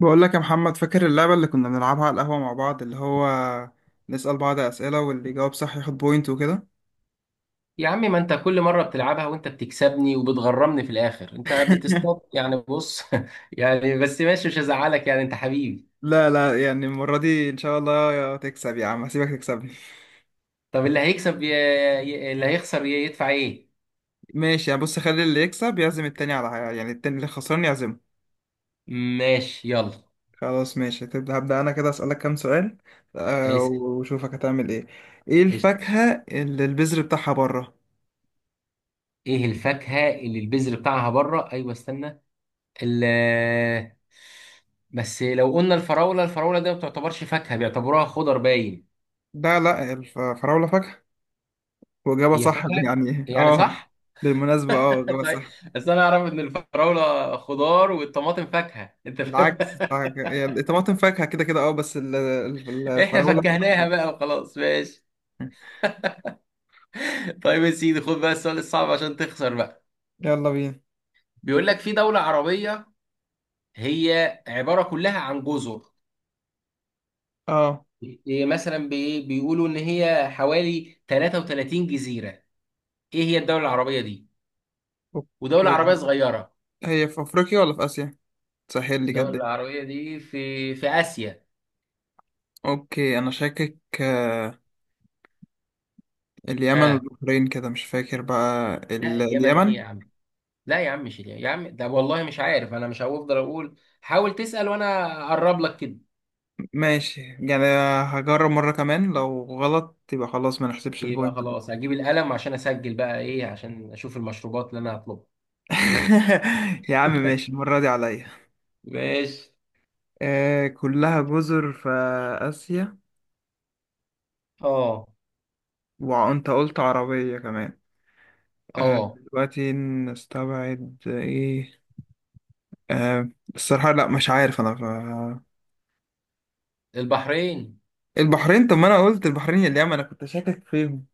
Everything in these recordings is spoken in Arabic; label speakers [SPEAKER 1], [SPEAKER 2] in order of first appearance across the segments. [SPEAKER 1] بقول لك يا محمد، فاكر اللعبة اللي كنا بنلعبها على القهوة مع بعض؟ اللي هو نسأل بعض أسئلة واللي يجاوب صح ياخد بوينت وكده.
[SPEAKER 2] يا عم، ما انت كل مرة بتلعبها وانت بتكسبني وبتغرمني في الاخر. انت بتصطاد يعني. بص يعني بس ماشي، مش هزعلك، يعني انت حبيبي.
[SPEAKER 1] لا لا، يعني المرة دي إن شاء الله، يا تكسب يا عم هسيبك تكسبني.
[SPEAKER 2] طب اللي هيخسر يدفع ايه؟
[SPEAKER 1] ماشي، يعني بص، خلي اللي يكسب يعزم التاني على حاجة، يعني التاني اللي خسران يعزمه.
[SPEAKER 2] ماشي يلا.
[SPEAKER 1] خلاص ماشي، تبدأ؟ هبدأ أنا كده أسألك كام سؤال.
[SPEAKER 2] اسال.
[SPEAKER 1] وشوفك هتعمل إيه. إيه
[SPEAKER 2] قشطة.
[SPEAKER 1] الفاكهة اللي البذر بتاعها بره؟
[SPEAKER 2] ايه الفاكهة اللي البذر بتاعها بره؟ ايوه استنى. ال... بس لو قلنا الفراولة ده ما بتعتبرش فاكهة، بيعتبروها خضر باين.
[SPEAKER 1] لا لا، الفراولة فاكهة. وإجابة
[SPEAKER 2] هي
[SPEAKER 1] صح.
[SPEAKER 2] فاكهة. يعني صح.
[SPEAKER 1] بالمناسبة، إجابة
[SPEAKER 2] طيب.
[SPEAKER 1] صح.
[SPEAKER 2] بس انا اعرف ان الفراولة خضار والطماطم فاكهة، انت فاهم.
[SPEAKER 1] يعني الطماطم فاكهة كده كده، اه، بس ال- ال-
[SPEAKER 2] احنا
[SPEAKER 1] الفراولة
[SPEAKER 2] فكهناها بقى وخلاص ماشي. طيب يا سيدي، خد بقى السؤال الصعب عشان تخسر بقى.
[SPEAKER 1] يلا بينا.
[SPEAKER 2] بيقول لك في دولة عربية، هي عبارة كلها عن جزر.
[SPEAKER 1] اه.
[SPEAKER 2] إيه مثلا، بيقولوا ان هي حوالي 33 جزيرة. ايه هي الدولة العربية دي؟ ودولة عربية
[SPEAKER 1] اوكي.
[SPEAKER 2] صغيرة.
[SPEAKER 1] هي في افريقيا ولا في اسيا؟ سهل لي كده
[SPEAKER 2] الدولة
[SPEAKER 1] الدنيا.
[SPEAKER 2] العربية دي في آسيا.
[SPEAKER 1] اوكي انا شاكك، اليمن
[SPEAKER 2] ها.
[SPEAKER 1] والبحرين كده، مش فاكر بقى
[SPEAKER 2] لا، اليمن ايه
[SPEAKER 1] اليمن.
[SPEAKER 2] يا عم. لا يا عم، مش اليمن يا عم، ده والله مش عارف انا، مش هفضل اقول. حاول تسأل وانا اقرب لك كده.
[SPEAKER 1] ماشي يعني. هجرب مرة كمان، لو غلط يبقى خلاص ما نحسبش
[SPEAKER 2] يبقى
[SPEAKER 1] البوينت.
[SPEAKER 2] خلاص هجيب القلم عشان اسجل بقى ايه، عشان اشوف المشروبات اللي انا هطلبها.
[SPEAKER 1] يا عم ماشي، المرة دي عليا.
[SPEAKER 2] ماشي.
[SPEAKER 1] كلها جزر في آسيا.
[SPEAKER 2] اه،
[SPEAKER 1] وانت قلت عربية كمان.
[SPEAKER 2] اه،
[SPEAKER 1] دلوقتي نستبعد ايه؟ آه الصراحة لا، مش عارف انا
[SPEAKER 2] البحرين.
[SPEAKER 1] البحرين. طب ما انا قلت البحرين اليمن، انا كنت شاكك فيهم.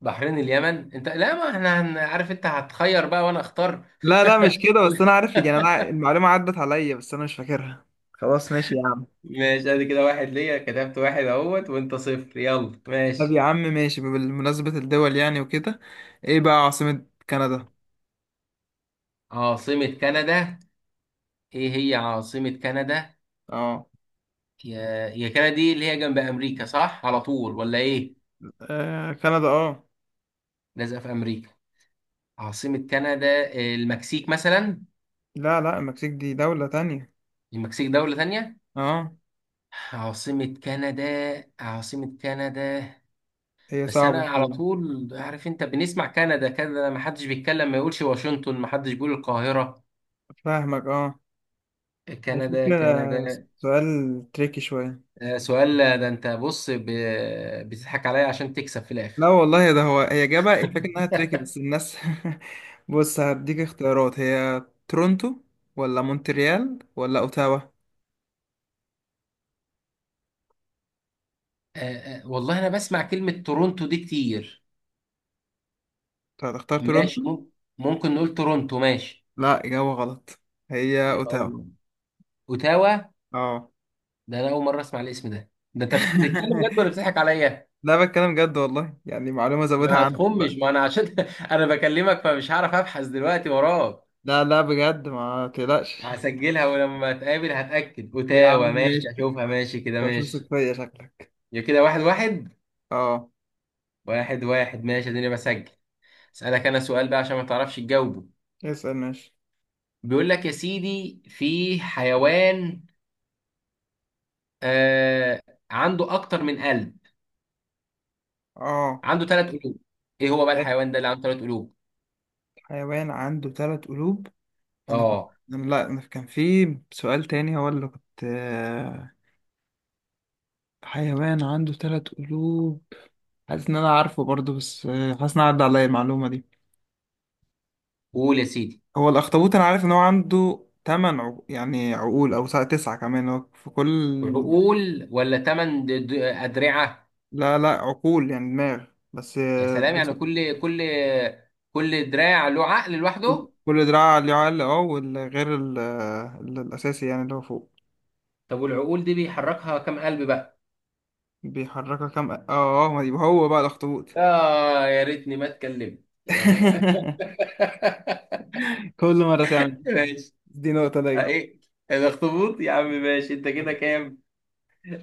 [SPEAKER 2] بحرين، اليمن، انت لا، ما احنا عارف انت هتخير بقى وانا اختار.
[SPEAKER 1] لا لا مش كده، بس انا عارف يعني، انا المعلومة عدت عليا بس انا مش فاكرها. خلاص ماشي يا عم.
[SPEAKER 2] ماشي، ادي كده واحد ليا، كتبت واحد اهوت وانت صفر، يلا
[SPEAKER 1] طب
[SPEAKER 2] ماشي.
[SPEAKER 1] يا عم ماشي، بمناسبة الدول يعني وكده، ايه بقى عاصمة كندا؟
[SPEAKER 2] عاصمة كندا. ايه هي عاصمة كندا؟
[SPEAKER 1] اه.
[SPEAKER 2] يا كندا دي اللي هي جنب امريكا صح على طول ولا ايه؟
[SPEAKER 1] كندا اه.
[SPEAKER 2] لازقة في امريكا. عاصمة كندا، المكسيك مثلا؟
[SPEAKER 1] لا لا، المكسيك دي دولة تانية.
[SPEAKER 2] المكسيك دولة تانية.
[SPEAKER 1] اه.
[SPEAKER 2] عاصمة كندا. عاصمة كندا.
[SPEAKER 1] هي
[SPEAKER 2] بس أنا
[SPEAKER 1] صعبة
[SPEAKER 2] على
[SPEAKER 1] شوية.
[SPEAKER 2] طول عارف، أنت بنسمع كندا كندا، ما حدش بيتكلم ما يقولش واشنطن، ما حدش بيقول القاهرة.
[SPEAKER 1] فاهمك اه.
[SPEAKER 2] كندا
[SPEAKER 1] الفكرة
[SPEAKER 2] كندا.
[SPEAKER 1] سؤال تريكي شوية.
[SPEAKER 2] سؤال ده أنت بص بتضحك عليا عشان تكسب في
[SPEAKER 1] لا
[SPEAKER 2] الآخر.
[SPEAKER 1] والله، ده هو هي جابها الفكرة انها تريكي
[SPEAKER 2] آه،
[SPEAKER 1] بس الناس. بص هديك اختيارات، هي تورونتو ولا مونتريال ولا اوتاوا؟
[SPEAKER 2] والله أنا بسمع كلمة تورونتو دي كتير.
[SPEAKER 1] طب هتختار
[SPEAKER 2] ماشي،
[SPEAKER 1] تورونتو؟
[SPEAKER 2] ممكن نقول تورونتو ماشي.
[SPEAKER 1] لا، اجابة غلط. هي
[SPEAKER 2] يا
[SPEAKER 1] اوتاوا.
[SPEAKER 2] الله، أوتاوا.
[SPEAKER 1] اه.
[SPEAKER 2] ده أنا أول مرة أسمع الاسم ده، ده أنت بتتكلم جد ولا بتضحك عليا؟
[SPEAKER 1] لا، بتكلم جد والله، يعني معلومة زودها
[SPEAKER 2] ما
[SPEAKER 1] عندك
[SPEAKER 2] تخمش،
[SPEAKER 1] بقى.
[SPEAKER 2] ما انا عشان انا بكلمك فمش هعرف ابحث دلوقتي وراك.
[SPEAKER 1] لا لا بجد، ما تقلقش.
[SPEAKER 2] هسجلها ولما اتقابل هتاكد،
[SPEAKER 1] يا عم
[SPEAKER 2] اوتاوا، ماشي
[SPEAKER 1] ماشي،
[SPEAKER 2] اشوفها ماشي كده
[SPEAKER 1] انت مش واثق
[SPEAKER 2] ماشي.
[SPEAKER 1] فيا شكلك.
[SPEAKER 2] يا كده واحد واحد.
[SPEAKER 1] اه.
[SPEAKER 2] واحد واحد ماشي، اديني بسجل. اسالك انا سؤال بقى عشان ما تعرفش تجاوبه.
[SPEAKER 1] اسأل ماشي.
[SPEAKER 2] بيقول لك يا سيدي في حيوان، آه عنده اكتر من قلب،
[SPEAKER 1] اه،
[SPEAKER 2] عنده ثلاث قلوب. ايه هو بقى الحيوان ده اللي عنده ثلاث قلوب؟
[SPEAKER 1] حيوان عنده ثلاث قلوب. انا كنت،
[SPEAKER 2] اه
[SPEAKER 1] أنا لا، أنا كان في سؤال تاني هو اللي كنت، حيوان عنده ثلاث قلوب. حاسس ان انا عارفه برضه بس، حاسس ان أنا عدى عليا المعلومه دي.
[SPEAKER 2] قول يا سيدي.
[SPEAKER 1] هو الاخطبوط، انا عارف ان هو عنده يعني عقول، او تسعة كمان هو في كل.
[SPEAKER 2] عقول ولا ثمان ادرعه؟
[SPEAKER 1] لا لا، عقول يعني دماغ. بس
[SPEAKER 2] يا سلام،
[SPEAKER 1] بس
[SPEAKER 2] يعني كل دراع له عقل
[SPEAKER 1] كل
[SPEAKER 2] لوحده.
[SPEAKER 1] كل دراع ليه عقل. اه. والغير الاساسي يعني اللي هو فوق.
[SPEAKER 2] طب والعقول دي بيحركها كام قلب بقى؟
[SPEAKER 1] بيحركها كام، اه. اه، ما يبقى هو بقى الاخطبوط.
[SPEAKER 2] اه، يا ريتني ما اتكلمت
[SPEAKER 1] كل مره تعمل.
[SPEAKER 2] ماشي.
[SPEAKER 1] دي نقطه ليا.
[SPEAKER 2] ايه الاخطبوط، يا عم ماشي، انت كده كام؟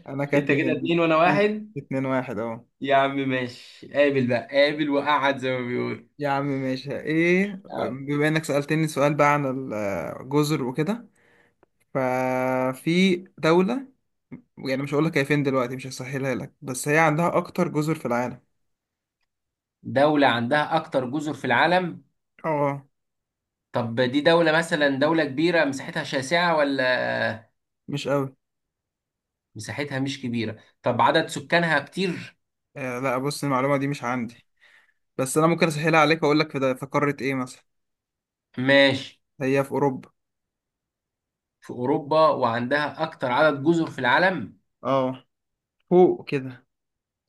[SPEAKER 1] انا كانت
[SPEAKER 2] انت كده
[SPEAKER 1] اتنين.
[SPEAKER 2] اتنين وانا
[SPEAKER 1] اتنين،
[SPEAKER 2] واحد.
[SPEAKER 1] اتنين واحد اهو.
[SPEAKER 2] يا عم ماشي، قابل بقى قابل وقعد زي ما بيقول.
[SPEAKER 1] يا عم ماشي، ايه،
[SPEAKER 2] آه.
[SPEAKER 1] بما انك سألتني سؤال بقى عن الجزر وكده، ففي دولة، يعني مش هقول لك هي فين دلوقتي، مش هسهلها لك، بس هي عندها اكتر جزر في العالم.
[SPEAKER 2] دولة عندها اكتر جزر في العالم.
[SPEAKER 1] اه.
[SPEAKER 2] طب دي دولة مثلا دولة كبيرة مساحتها شاسعة ولا؟
[SPEAKER 1] مش قوي.
[SPEAKER 2] مساحتها مش كبيرة، طب عدد سكانها كتير؟
[SPEAKER 1] لا، بص المعلومة دي مش عندي، بس انا ممكن اسهلها عليك واقول لك في, في قارة ايه مثلا.
[SPEAKER 2] ماشي.
[SPEAKER 1] هي في اوروبا.
[SPEAKER 2] في اوروبا وعندها اكتر عدد جزر في العالم؟
[SPEAKER 1] اه، فوق كده.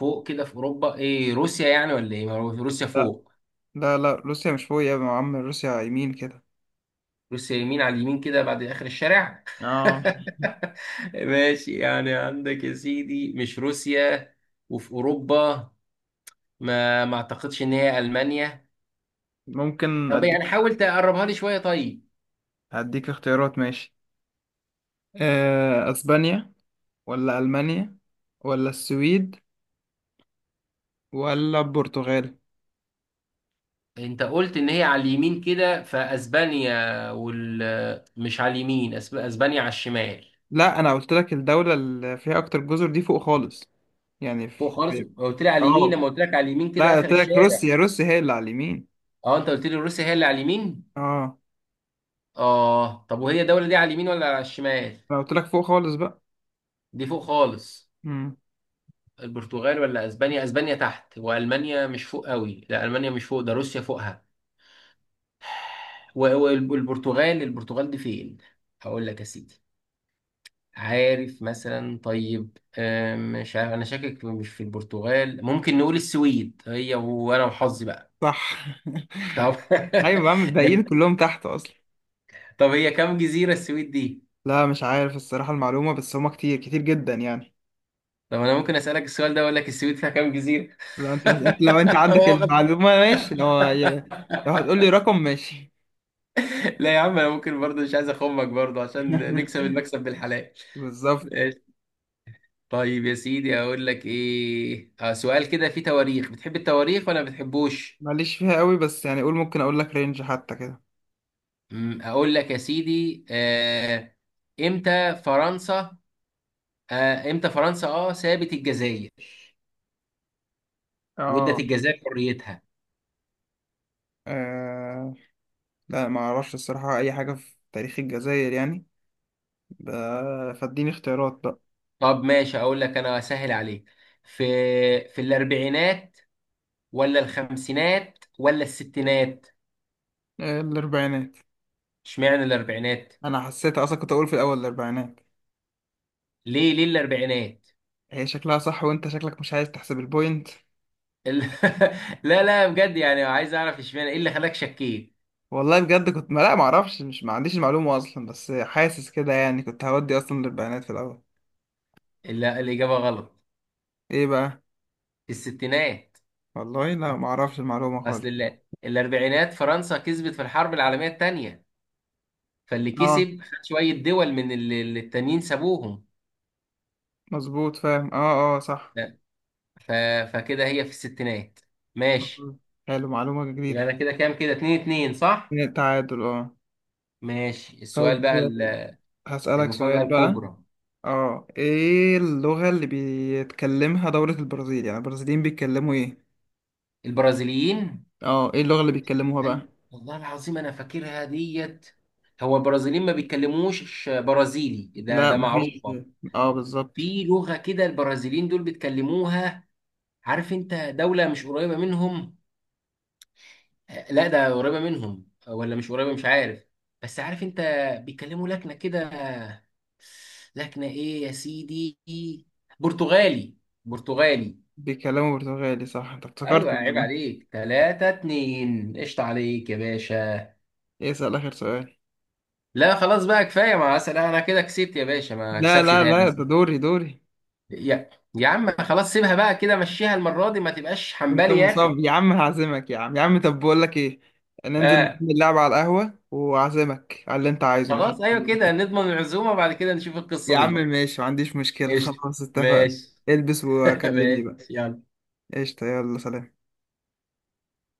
[SPEAKER 2] فوق كده في اوروبا، ايه روسيا يعني ولا ايه، ما هو روسيا
[SPEAKER 1] لا
[SPEAKER 2] فوق.
[SPEAKER 1] لا لا، روسيا مش فوق يا عم، روسيا يمين كده.
[SPEAKER 2] روسيا يمين، على اليمين كده بعد اخر الشارع.
[SPEAKER 1] اه.
[SPEAKER 2] ماشي، يعني عندك يا سيدي مش روسيا. وفي اوروبا. ما اعتقدش ان هي المانيا.
[SPEAKER 1] ممكن
[SPEAKER 2] طب يعني
[SPEAKER 1] اديك.
[SPEAKER 2] حاول تقربها لي شويه طيب.
[SPEAKER 1] هديك اختيارات ماشي. اسبانيا ولا المانيا ولا السويد ولا البرتغال؟
[SPEAKER 2] انت قلت ان هي على اليمين كده، فاسبانيا وال مش على اليمين، اسبانيا على الشمال.
[SPEAKER 1] لا انا قلت لك الدوله اللي فيها اكتر جزر دي فوق خالص يعني.
[SPEAKER 2] فوق خالص،
[SPEAKER 1] في،
[SPEAKER 2] قلت لي على اليمين
[SPEAKER 1] اه،
[SPEAKER 2] لما قلت لك على اليمين كده
[SPEAKER 1] لا
[SPEAKER 2] اخر
[SPEAKER 1] قلت لك
[SPEAKER 2] الشارع.
[SPEAKER 1] روسيا. روسيا هي اللي على اليمين.
[SPEAKER 2] اه، انت قلت لي روسيا هي اللي على اليمين.
[SPEAKER 1] اه.
[SPEAKER 2] اه طب وهي الدولة دي على اليمين ولا على الشمال؟
[SPEAKER 1] انا قلت لك فوق خالص بقى.
[SPEAKER 2] دي فوق خالص.
[SPEAKER 1] امم
[SPEAKER 2] البرتغال ولا اسبانيا، اسبانيا تحت، والمانيا مش فوق قوي، لا المانيا مش فوق، ده روسيا فوقها. والبرتغال دي فين؟ هقول لك يا سيدي. عارف مثلا طيب، مش عارف انا، شاكك مش في البرتغال، ممكن نقول السويد، هي وانا وحظي بقى.
[SPEAKER 1] صح.
[SPEAKER 2] طب.
[SPEAKER 1] ايوه، بعمل الباقيين
[SPEAKER 2] ده-
[SPEAKER 1] كلهم تحت اصلا.
[SPEAKER 2] طب هي كام جزيرة السويد دي؟
[SPEAKER 1] لا مش عارف الصراحه المعلومه، بس هما كتير كتير جدا يعني.
[SPEAKER 2] طب انا ممكن اسالك السؤال ده واقول لك السويد فيها كام جزيرة؟
[SPEAKER 1] لو انت عندك
[SPEAKER 2] واخد-
[SPEAKER 1] المعلومه ماشي، لو لو هتقول لي رقم ماشي.
[SPEAKER 2] لا يا عم، انا ممكن برضه مش عايز اخمك برضه عشان نكسب المكسب بالحلال.
[SPEAKER 1] بالظبط.
[SPEAKER 2] ماشي. طيب يا سيدي اقول لك ايه، سؤال كده فيه تواريخ، بتحب التواريخ ولا ما بتحبوش؟
[SPEAKER 1] ماليش فيها قوي بس يعني قول، ممكن اقول لك رينج حتى كده.
[SPEAKER 2] اقول لك يا سيدي. امتى فرنسا امتى فرنسا سابت الجزائر وادت
[SPEAKER 1] اه.
[SPEAKER 2] الجزائر حريتها.
[SPEAKER 1] آه، لا، ما اعرفش الصراحة اي حاجة في تاريخ الجزائر يعني. فاديني اختيارات بقى.
[SPEAKER 2] طب ماشي، اقول لك انا اسهل عليك. في في الاربعينات ولا الخمسينات ولا الستينات؟
[SPEAKER 1] الاربعينات.
[SPEAKER 2] اشمعنى الاربعينات؟
[SPEAKER 1] انا حسيت اصلا كنت اقول في الاول الاربعينات.
[SPEAKER 2] ليه ليه الاربعينات؟
[SPEAKER 1] هي شكلها صح وانت شكلك مش عايز تحسب البوينت.
[SPEAKER 2] ال- لا لا بجد، يعني عايز اعرف اشمعنى، ايه اللي خلاك شكيت.
[SPEAKER 1] والله بجد كنت، ما اعرفش، مش، ما عنديش المعلومة اصلا، بس حاسس كده يعني كنت هودي اصلا الاربعينات في الاول.
[SPEAKER 2] لا الاجابه غلط.
[SPEAKER 1] ايه بقى؟
[SPEAKER 2] الستينات.
[SPEAKER 1] والله لا ما اعرفش المعلومة
[SPEAKER 2] اصل
[SPEAKER 1] خالص.
[SPEAKER 2] الاربعينات فرنسا كسبت في الحرب العالميه الثانيه، فاللي
[SPEAKER 1] اه،
[SPEAKER 2] كسب خد شويه دول من اللي التانيين سابوهم.
[SPEAKER 1] مظبوط، فاهم، اه اه صح.
[SPEAKER 2] لا، ف... فكده هي في الستينات. ماشي،
[SPEAKER 1] حلو، معلومة
[SPEAKER 2] يبقى انا
[SPEAKER 1] جديدة.
[SPEAKER 2] كده كام، كده 2-2 صح.
[SPEAKER 1] من التعادل اه.
[SPEAKER 2] ماشي السؤال
[SPEAKER 1] طب
[SPEAKER 2] بقى
[SPEAKER 1] هسألك
[SPEAKER 2] المفاجاه
[SPEAKER 1] سؤال بقى.
[SPEAKER 2] الكبرى.
[SPEAKER 1] اه، ايه اللغة اللي بيتكلمها دولة البرازيل؟ يعني البرازيليين بيتكلموا ايه؟
[SPEAKER 2] البرازيليين.
[SPEAKER 1] اه، ايه اللغة اللي بيتكلموها بقى؟
[SPEAKER 2] ايوه والله العظيم انا فاكرها ديت. هو البرازيليين ما بيتكلموش برازيلي، ده
[SPEAKER 1] لا، مفيش.
[SPEAKER 2] معروفه.
[SPEAKER 1] اه، بالظبط.
[SPEAKER 2] في لغه كده البرازيليين دول بيتكلموها. عارف انت، دوله مش قريبه منهم، لا ده قريبه منهم، ولا مش قريبه، مش عارف. بس عارف انت، بيتكلموا لكنه كده. لكنه ايه يا سيدي. برتغالي. برتغالي.
[SPEAKER 1] بيتكلموا برتغالي صح، انت
[SPEAKER 2] ايوه
[SPEAKER 1] افتكرت
[SPEAKER 2] عيب
[SPEAKER 1] ولا؟
[SPEAKER 2] عليك، 3-2، قشطة عليك يا باشا.
[SPEAKER 1] ايه، اسأل اخر سؤال.
[SPEAKER 2] لا خلاص بقى كفايه، ما أصل انا كده كسبت يا باشا، ما
[SPEAKER 1] لا
[SPEAKER 2] اكسبش
[SPEAKER 1] لا
[SPEAKER 2] تاني
[SPEAKER 1] لا، ده
[SPEAKER 2] أصل.
[SPEAKER 1] دوري دوري.
[SPEAKER 2] يا يا عم خلاص، سيبها بقى كده، مشيها المره دي، ما تبقاش
[SPEAKER 1] انت
[SPEAKER 2] حنبالي يا اخي.
[SPEAKER 1] مصاب يا عم، هعزمك يا عم يا عم، طب بقول لك ايه، ننزل
[SPEAKER 2] آه.
[SPEAKER 1] نكمل لعبة على القهوة وأعزمك على اللي انت عايزه مش.
[SPEAKER 2] خلاص ايوه كده، نضمن العزومه بعد كده نشوف
[SPEAKER 1] يا
[SPEAKER 2] القصه
[SPEAKER 1] عم
[SPEAKER 2] دي.
[SPEAKER 1] ماشي ما عنديش مشكلة.
[SPEAKER 2] قشطه.
[SPEAKER 1] خلاص اتفقنا.
[SPEAKER 2] ماشي.
[SPEAKER 1] البس وكلمني
[SPEAKER 2] ماشي
[SPEAKER 1] بقى.
[SPEAKER 2] يلا.
[SPEAKER 1] قشطة يلا، سلام.